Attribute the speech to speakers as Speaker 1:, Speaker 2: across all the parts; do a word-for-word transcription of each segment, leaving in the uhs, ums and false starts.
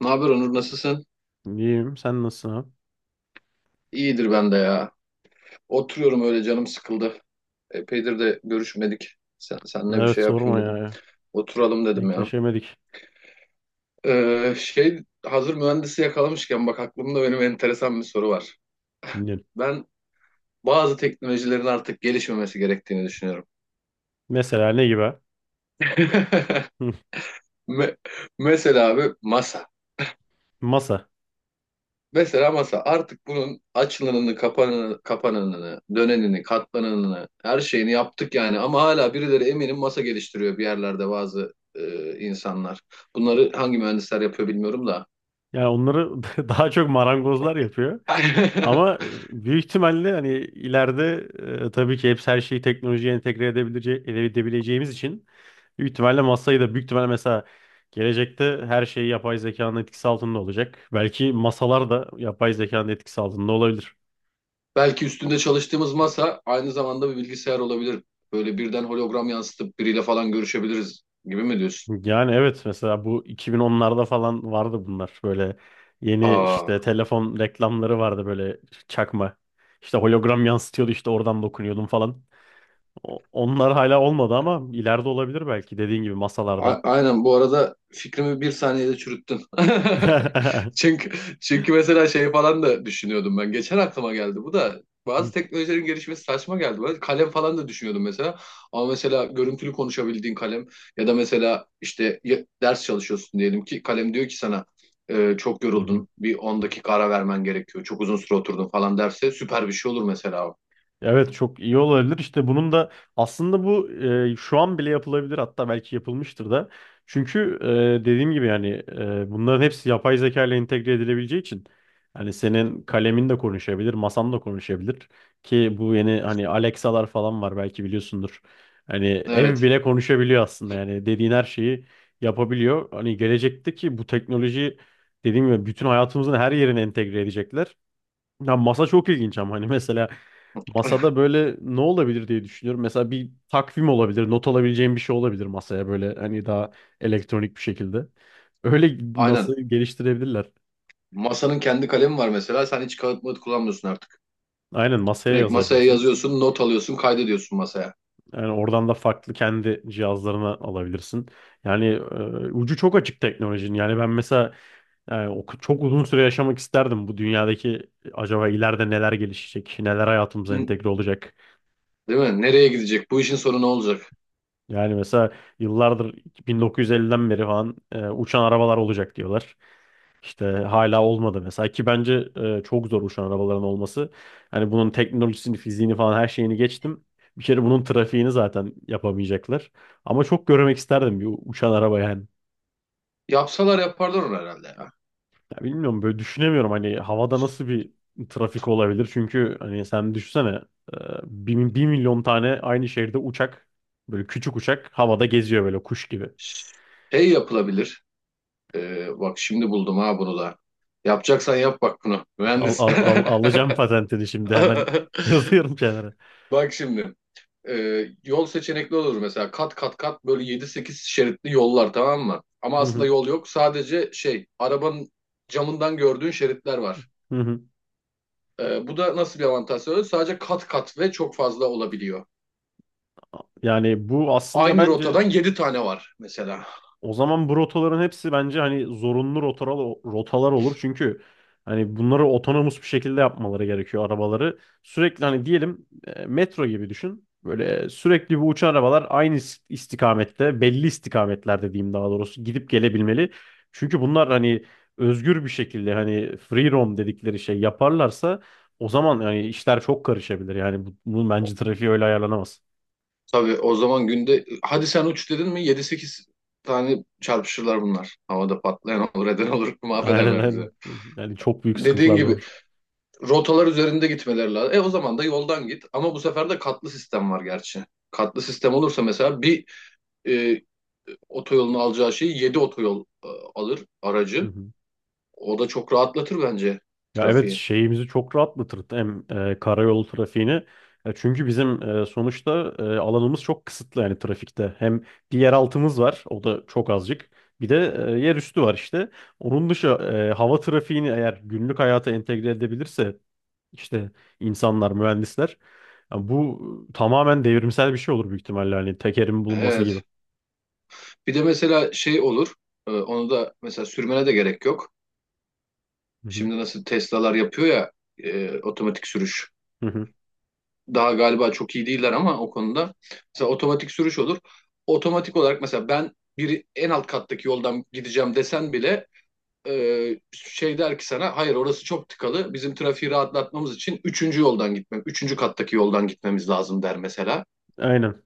Speaker 1: Ne haber Onur, nasılsın?
Speaker 2: İyiyim. Sen nasılsın abi?
Speaker 1: İyidir ben de ya. Oturuyorum, öyle canım sıkıldı. Epeydir de görüşmedik. Sen, senle bir
Speaker 2: Evet
Speaker 1: şey yapayım
Speaker 2: sorma
Speaker 1: dedim.
Speaker 2: ya.
Speaker 1: Oturalım dedim ya.
Speaker 2: Denkleşemedik.
Speaker 1: Ee, şey hazır mühendisi yakalamışken bak, aklımda benim enteresan bir soru var.
Speaker 2: Dinliyorum.
Speaker 1: Ben bazı teknolojilerin artık gelişmemesi gerektiğini düşünüyorum.
Speaker 2: Mesela ne gibi? Hı.
Speaker 1: Me- Mesela abi masa.
Speaker 2: Masa.
Speaker 1: Mesela masa artık bunun açılanını, kapanını, kapananını, dönenini, katlananını, her şeyini yaptık yani. Ama hala birileri eminim masa geliştiriyor bir yerlerde bazı e, insanlar. Bunları hangi mühendisler yapıyor bilmiyorum da.
Speaker 2: Yani onları daha çok marangozlar yapıyor. Ama e, büyük ihtimalle hani ileride e, tabii ki hepsi her şeyi teknolojiye entegre edebilece- edebileceğimiz için büyük ihtimalle masayı da büyük ihtimalle mesela gelecekte her şey yapay zekanın etkisi altında olacak. Belki masalar da yapay zekanın etkisi altında olabilir.
Speaker 1: Belki üstünde çalıştığımız masa aynı zamanda bir bilgisayar olabilir. Böyle birden hologram yansıtıp biriyle falan görüşebiliriz gibi mi diyorsun?
Speaker 2: Yani evet mesela bu iki bin onlarda falan vardı bunlar. Böyle yeni
Speaker 1: Aa.
Speaker 2: işte telefon reklamları vardı böyle çakma. İşte hologram yansıtıyordu işte oradan dokunuyordum falan. O- Onlar hala olmadı ama ileride olabilir belki dediğin gibi masalarda.
Speaker 1: A- Aynen, bu arada fikrimi bir saniyede çürüttün. Çünkü çünkü mesela şey falan da düşünüyordum ben. Geçen aklıma geldi bu da. Bazı teknolojilerin gelişmesi saçma geldi bana. Kalem falan da düşünüyordum mesela. Ama mesela görüntülü konuşabildiğin kalem, ya da mesela işte ya- ders çalışıyorsun diyelim, ki kalem diyor ki sana, "E, Çok yoruldun. Bir on dakika ara vermen gerekiyor. Çok uzun süre oturdun" falan derse süper bir şey olur mesela. O.
Speaker 2: Evet çok iyi olabilir. İşte bunun da aslında bu e, şu an bile yapılabilir hatta belki yapılmıştır da. Çünkü e, dediğim gibi yani e, bunların hepsi yapay zeka ile entegre edilebileceği için hani senin kalemin de konuşabilir, masan da konuşabilir ki bu yeni hani Alexa'lar falan var belki biliyorsundur. Hani ev
Speaker 1: Evet.
Speaker 2: bile konuşabiliyor aslında yani dediğin her şeyi yapabiliyor. Hani gelecekteki bu teknolojiyi dediğim gibi bütün hayatımızın her yerine entegre edecekler. Ya masa çok ilginç ama hani mesela masada böyle ne olabilir diye düşünüyorum. Mesela bir takvim olabilir, not alabileceğim bir şey olabilir masaya böyle hani daha elektronik bir şekilde. Öyle
Speaker 1: Aynen.
Speaker 2: masayı geliştirebilirler.
Speaker 1: Masanın kendi kalemi var mesela. Sen hiç kağıt mağıt kullanmıyorsun artık.
Speaker 2: Aynen masaya
Speaker 1: Direkt masaya
Speaker 2: yazabilirsin.
Speaker 1: yazıyorsun, not alıyorsun, kaydediyorsun masaya.
Speaker 2: Yani oradan da farklı kendi cihazlarına alabilirsin. Yani e, ucu çok açık teknolojinin. Yani ben mesela yani o çok uzun süre yaşamak isterdim bu dünyadaki acaba ileride neler gelişecek, neler hayatımıza
Speaker 1: Hı.
Speaker 2: entegre olacak.
Speaker 1: Değil mi? Nereye gidecek? Bu işin sonu ne olacak?
Speaker 2: Yani mesela yıllardır bin dokuz yüz elliden beri falan e, uçan arabalar olacak diyorlar. İşte hala olmadı mesela ki bence e, çok zor uçan arabaların olması. Hani bunun teknolojisini, fiziğini falan her şeyini geçtim. Bir kere bunun trafiğini zaten yapamayacaklar. Ama çok görmek isterdim bir uçan araba yani.
Speaker 1: Yapsalar yaparlar onu herhalde ya.
Speaker 2: Ya bilmiyorum böyle düşünemiyorum hani havada nasıl bir trafik olabilir. Çünkü hani sen düşünsene e, bir, bir milyon tane aynı şehirde uçak böyle küçük uçak havada geziyor böyle kuş gibi.
Speaker 1: Şey yapılabilir. Ee, bak şimdi buldum ha bunu da. Yapacaksan yap bak bunu.
Speaker 2: Al,
Speaker 1: Mühendis.
Speaker 2: al, al, alacağım patentini şimdi hemen yazıyorum kenara.
Speaker 1: Bak şimdi. Ee, yol seçenekli olur mesela. Kat kat kat böyle yedi sekiz şeritli yollar, tamam mı? Ama
Speaker 2: Hı
Speaker 1: aslında
Speaker 2: hı,
Speaker 1: yol yok. Sadece şey arabanın camından gördüğün şeritler var.
Speaker 2: hı hı.
Speaker 1: Ee, bu da nasıl bir avantaj sağlıyor? Sadece kat kat ve çok fazla olabiliyor.
Speaker 2: Yani bu aslında
Speaker 1: Aynı
Speaker 2: bence
Speaker 1: rotadan yedi tane var mesela.
Speaker 2: o zaman bu rotaların hepsi bence hani zorunlu rotalar, rotalar olur. Çünkü hani bunları otonomus bir şekilde yapmaları gerekiyor arabaları. Sürekli hani diyelim e, metro gibi düşün. Böyle sürekli bu uçan arabalar aynı is- istikamette, belli istikametlerde diyeyim daha doğrusu gidip gelebilmeli. Çünkü bunlar hani özgür bir şekilde hani free roam dedikleri şey yaparlarsa o zaman yani işler çok karışabilir. Yani bu- bunun bence trafiği öyle ayarlanamaz.
Speaker 1: Tabii o zaman, günde hadi sen uç dedin mi, yedi sekiz tane çarpışırlar bunlar. Havada patlayan olur, eden olur,
Speaker 2: Aynen,
Speaker 1: mahvederler bizi.
Speaker 2: aynen. Yani çok büyük
Speaker 1: Dediğin
Speaker 2: sıkıntılar
Speaker 1: gibi
Speaker 2: doğur.
Speaker 1: rotalar üzerinde gitmeleri lazım. E o zaman da yoldan git, ama bu sefer de katlı sistem var gerçi. Katlı sistem olursa mesela bir e, otoyolun alacağı şeyi yedi otoyol e, alır
Speaker 2: Hı
Speaker 1: aracı.
Speaker 2: hı.
Speaker 1: O da çok rahatlatır bence
Speaker 2: Ya evet
Speaker 1: trafiği.
Speaker 2: şeyimizi çok rahatlatır hem e, karayolu trafiğini. E, çünkü bizim e, sonuçta e, alanımız çok kısıtlı yani trafikte. Hem bir yeraltımız var o da çok azıcık. Bir de e, yer üstü var işte. Onun dışı e, hava trafiğini eğer günlük hayata entegre edebilirse işte insanlar, mühendisler ya bu tamamen devrimsel bir şey olur büyük ihtimalle hani tekerin bulunması gibi.
Speaker 1: Evet. Bir de mesela şey olur. E, onu da mesela sürmene de gerek yok.
Speaker 2: Hı hı.
Speaker 1: Şimdi nasıl Tesla'lar yapıyor ya, e, otomatik sürüş.
Speaker 2: Hı hı.
Speaker 1: Daha galiba çok iyi değiller ama o konuda. Mesela otomatik sürüş olur. Otomatik olarak mesela, ben bir en alt kattaki yoldan gideceğim desen bile e, şey der ki sana, hayır orası çok tıkalı. Bizim trafiği rahatlatmamız için üçüncü yoldan gitmem, üçüncü kattaki yoldan gitmemiz lazım der mesela.
Speaker 2: Aynen.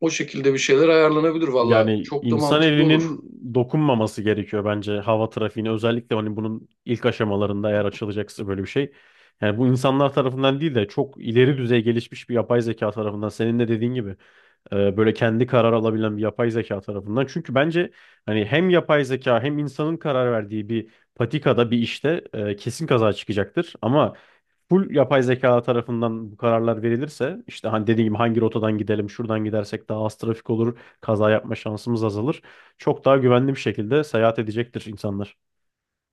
Speaker 1: O şekilde bir şeyler ayarlanabilir valla.
Speaker 2: Yani
Speaker 1: Çok da
Speaker 2: insan
Speaker 1: mantıklı olur.
Speaker 2: elinin dokunmaması gerekiyor bence hava trafiğine. Özellikle hani bunun ilk aşamalarında eğer açılacaksa böyle bir şey. Yani bu insanlar tarafından değil de çok ileri düzey gelişmiş bir yapay zeka tarafından senin de dediğin gibi e, böyle kendi karar alabilen bir yapay zeka tarafından. Çünkü bence hani hem yapay zeka hem insanın karar verdiği bir patikada bir işte e, kesin kaza çıkacaktır. Ama full yapay zeka tarafından bu kararlar verilirse işte hani dediğim gibi hangi rotadan gidelim, şuradan gidersek daha az trafik olur, kaza yapma şansımız azalır. Çok daha güvenli bir şekilde seyahat edecektir insanlar.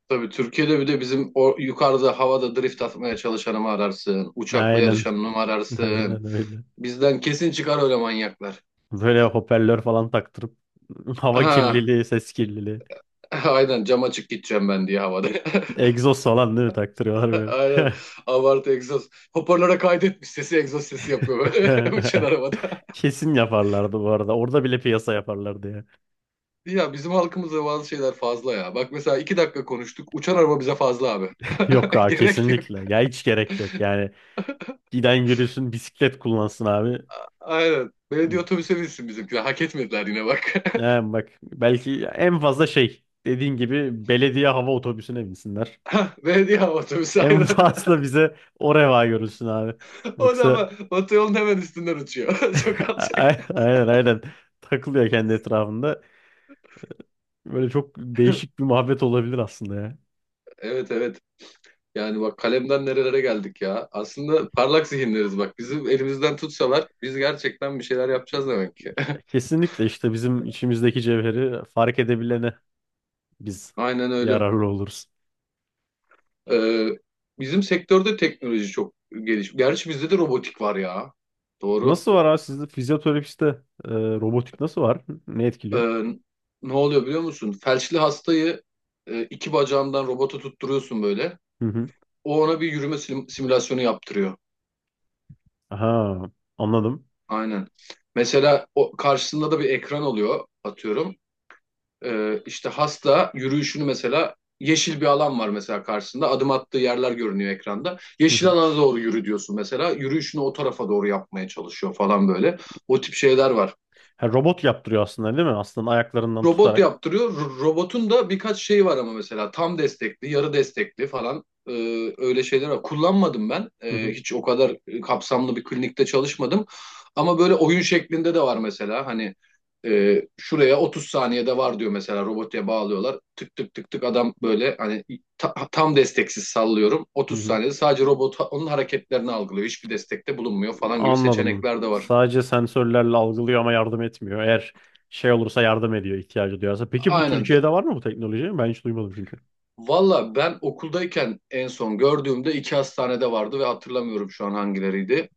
Speaker 1: Tabii Türkiye'de, bir de bizim o yukarıda havada drift atmaya çalışanı mı ararsın? Uçakla
Speaker 2: Aynen.
Speaker 1: yarışanı mı ararsın?
Speaker 2: Aynen öyle.
Speaker 1: Bizden kesin çıkar öyle manyaklar.
Speaker 2: Böyle hoparlör falan taktırıp hava
Speaker 1: Ha,
Speaker 2: kirliliği, ses kirliliği.
Speaker 1: aynen, cam açık gideceğim ben diye havada.
Speaker 2: Egzoz falan değil mi taktırıyorlar böyle.
Speaker 1: Aynen, abartı egzoz. Hoparlöre kaydetmiş sesi, egzoz sesi yapıyor böyle uçan arabada.
Speaker 2: Kesin yaparlardı bu arada. Orada bile piyasa yaparlardı ya.
Speaker 1: Ya bizim halkımızda bazı şeyler fazla ya. Bak mesela iki dakika konuştuk, uçan araba bize fazla abi.
Speaker 2: Yok abi
Speaker 1: Gerek yok.
Speaker 2: kesinlikle. Ya hiç gerek yok. Yani giden yürüsün bisiklet kullansın abi.
Speaker 1: Aynen. Belediye otobüse binsin bizimkiler. Hak etmediler yine bak.
Speaker 2: He, bak belki en fazla şey dediğin gibi belediye hava otobüsüne binsinler.
Speaker 1: Ha, Belediye hava otobüsü
Speaker 2: En
Speaker 1: aynen.
Speaker 2: fazla bize o reva görülsün abi.
Speaker 1: O da
Speaker 2: Yoksa
Speaker 1: ama otoyolun hemen üstünden uçuyor. Çok
Speaker 2: A-
Speaker 1: alçak.
Speaker 2: aynen, aynen takılıyor kendi etrafında. Böyle çok değişik bir muhabbet olabilir aslında ya.
Speaker 1: Evet, evet. Yani bak, kalemden nerelere geldik ya. Aslında parlak zihinleriz bak. Bizim elimizden tutsalar biz gerçekten bir şeyler yapacağız demek ki.
Speaker 2: Kesinlikle işte bizim içimizdeki cevheri fark edebilene biz
Speaker 1: Aynen öyle.
Speaker 2: yararlı oluruz.
Speaker 1: Ee, bizim sektörde teknoloji çok geliş. Gerçi bizde de robotik var ya. Doğru.
Speaker 2: Nasıl var abi sizde fizyoterapiste e, robotik nasıl var? Ne etkiliyor?
Speaker 1: Ee, ne oluyor biliyor musun? Felçli hastayı e, iki bacağından robota tutturuyorsun böyle.
Speaker 2: Hı hı.
Speaker 1: O ona bir yürüme sim- simülasyonu yaptırıyor.
Speaker 2: Aha, anladım.
Speaker 1: Aynen. Mesela o karşısında da bir ekran oluyor atıyorum. Ee, işte hasta yürüyüşünü mesela, yeşil bir alan var mesela karşısında. Adım attığı yerler görünüyor ekranda.
Speaker 2: Hı
Speaker 1: Yeşil
Speaker 2: hı.
Speaker 1: alana doğru yürü diyorsun mesela. Yürüyüşünü o tarafa doğru yapmaya çalışıyor falan böyle. O tip şeyler var,
Speaker 2: Ha, robot yaptırıyor aslında değil mi? Aslında ayaklarından
Speaker 1: robot
Speaker 2: tutarak.
Speaker 1: yaptırıyor. Ro- Robotun da birkaç şeyi var, ama mesela tam destekli, yarı destekli falan, e, öyle şeyler var. Kullanmadım ben.
Speaker 2: Hı
Speaker 1: E,
Speaker 2: hı.
Speaker 1: hiç o kadar e, kapsamlı bir klinikte çalışmadım. Ama böyle oyun şeklinde de var mesela. Hani e, şuraya otuz saniyede var diyor mesela, robotuya bağlıyorlar. Tık tık tık tık adam böyle hani ta- tam desteksiz sallıyorum.
Speaker 2: Hı
Speaker 1: otuz
Speaker 2: hı.
Speaker 1: saniyede sadece robot onun hareketlerini algılıyor. Hiçbir destekte bulunmuyor falan gibi
Speaker 2: Anladım.
Speaker 1: seçenekler de var.
Speaker 2: Sadece sensörlerle algılıyor ama yardım etmiyor. Eğer şey olursa yardım ediyor ihtiyacı duyarsa. Peki bu
Speaker 1: Aynen.
Speaker 2: Türkiye'de var mı bu teknoloji? Ben hiç duymadım çünkü.
Speaker 1: Valla ben okuldayken en son gördüğümde iki hastanede vardı, ve hatırlamıyorum şu an hangileriydi.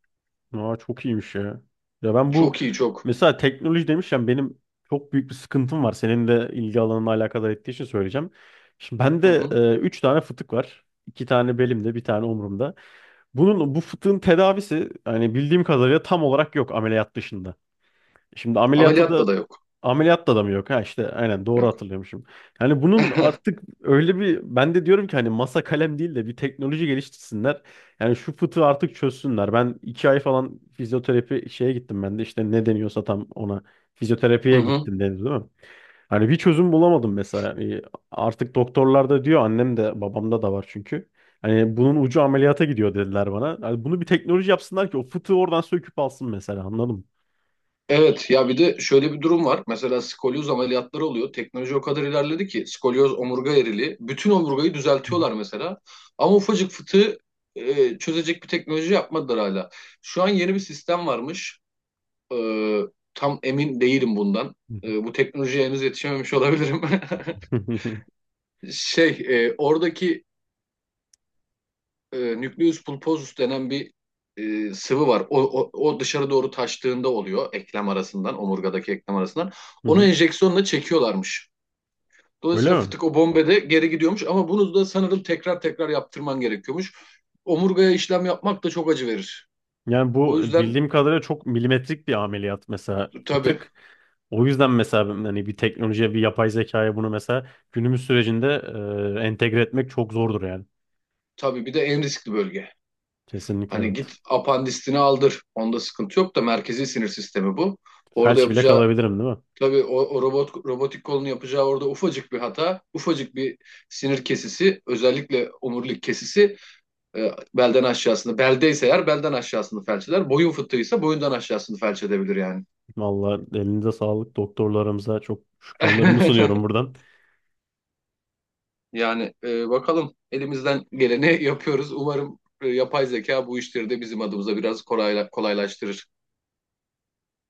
Speaker 2: Aa, çok iyiymiş ya. Ya ben bu
Speaker 1: Çok iyi, çok.
Speaker 2: mesela teknoloji demişken benim çok büyük bir sıkıntım var. Senin de ilgi alanına alakadar ettiği için söyleyeceğim. Şimdi
Speaker 1: Hı
Speaker 2: bende
Speaker 1: hı.
Speaker 2: e, üç tane fıtık var. İki tane belimde, bir tane omurumda. Bunun bu fıtığın tedavisi hani bildiğim kadarıyla tam olarak yok ameliyat dışında. Şimdi ameliyatta da
Speaker 1: Ameliyatla da yok.
Speaker 2: ameliyatta da mı yok? Ha işte aynen doğru
Speaker 1: Yok.
Speaker 2: hatırlıyormuşum. Yani bunun artık öyle bir ben de diyorum ki hani masa kalem değil de bir teknoloji geliştirsinler. Yani şu fıtığı artık çözsünler. Ben iki ay falan fizyoterapi şeye gittim ben de işte ne deniyorsa tam ona
Speaker 1: Hı
Speaker 2: fizyoterapiye
Speaker 1: hı.
Speaker 2: gittim deniz değil mi? Hani bir çözüm bulamadım mesela. Yani artık doktorlar da diyor annem de babamda da var çünkü. Hani bunun ucu ameliyata gidiyor dediler bana. Hani bunu bir teknoloji yapsınlar ki o fıtığı oradan söküp alsın mesela anladın mı?
Speaker 1: Evet ya, bir de şöyle bir durum var. Mesela skolyoz ameliyatları oluyor. Teknoloji o kadar ilerledi ki, skolyoz omurga erili. Bütün omurgayı
Speaker 2: Hı
Speaker 1: düzeltiyorlar mesela. Ama ufacık fıtığı e, çözecek bir teknoloji yapmadılar hala. Şu an yeni bir sistem varmış. E, Tam emin değilim bundan.
Speaker 2: hı.
Speaker 1: E, bu teknolojiye henüz yetişememiş olabilirim.
Speaker 2: Hı hı hı.
Speaker 1: Şey, e, Oradaki e, nucleus pulposus denen bir e, sıvı var. O, o, o dışarı doğru taştığında oluyor, eklem arasından, omurgadaki eklem arasından.
Speaker 2: Hı
Speaker 1: Onu
Speaker 2: hı.
Speaker 1: enjeksiyonla çekiyorlarmış.
Speaker 2: Öyle
Speaker 1: Dolayısıyla
Speaker 2: mi?
Speaker 1: fıtık o bombede geri gidiyormuş, ama bunu da sanırım tekrar tekrar yaptırman gerekiyormuş. Omurgaya işlem yapmak da çok acı verir.
Speaker 2: Yani
Speaker 1: O
Speaker 2: bu
Speaker 1: yüzden
Speaker 2: bildiğim kadarıyla çok milimetrik bir ameliyat mesela
Speaker 1: tabii,
Speaker 2: fıtık. O yüzden mesela hani bir teknolojiye, bir yapay zekaya bunu mesela günümüz sürecinde e, entegre etmek çok zordur yani.
Speaker 1: tabii bir de en riskli bölge.
Speaker 2: Kesinlikle
Speaker 1: Hani git
Speaker 2: evet.
Speaker 1: apandisini aldır. Onda sıkıntı yok da, merkezi sinir sistemi bu. Orada
Speaker 2: Felç bile
Speaker 1: yapacağı
Speaker 2: kalabilirim değil mi?
Speaker 1: Tabii o, o robot robotik kolunu yapacağı orada ufacık bir hata, ufacık bir sinir kesisi, özellikle omurilik kesisi e, belden aşağısını, beldeyse eğer belden aşağısını felç eder, boyun fıtığıysa boyundan aşağısını felç edebilir yani.
Speaker 2: Vallahi elinize sağlık, doktorlarımıza çok şükranlarımı sunuyorum buradan.
Speaker 1: Yani e, bakalım, elimizden geleni yapıyoruz. Umarım e, yapay zeka bu işleri de bizim adımıza biraz kolayla, kolaylaştırır.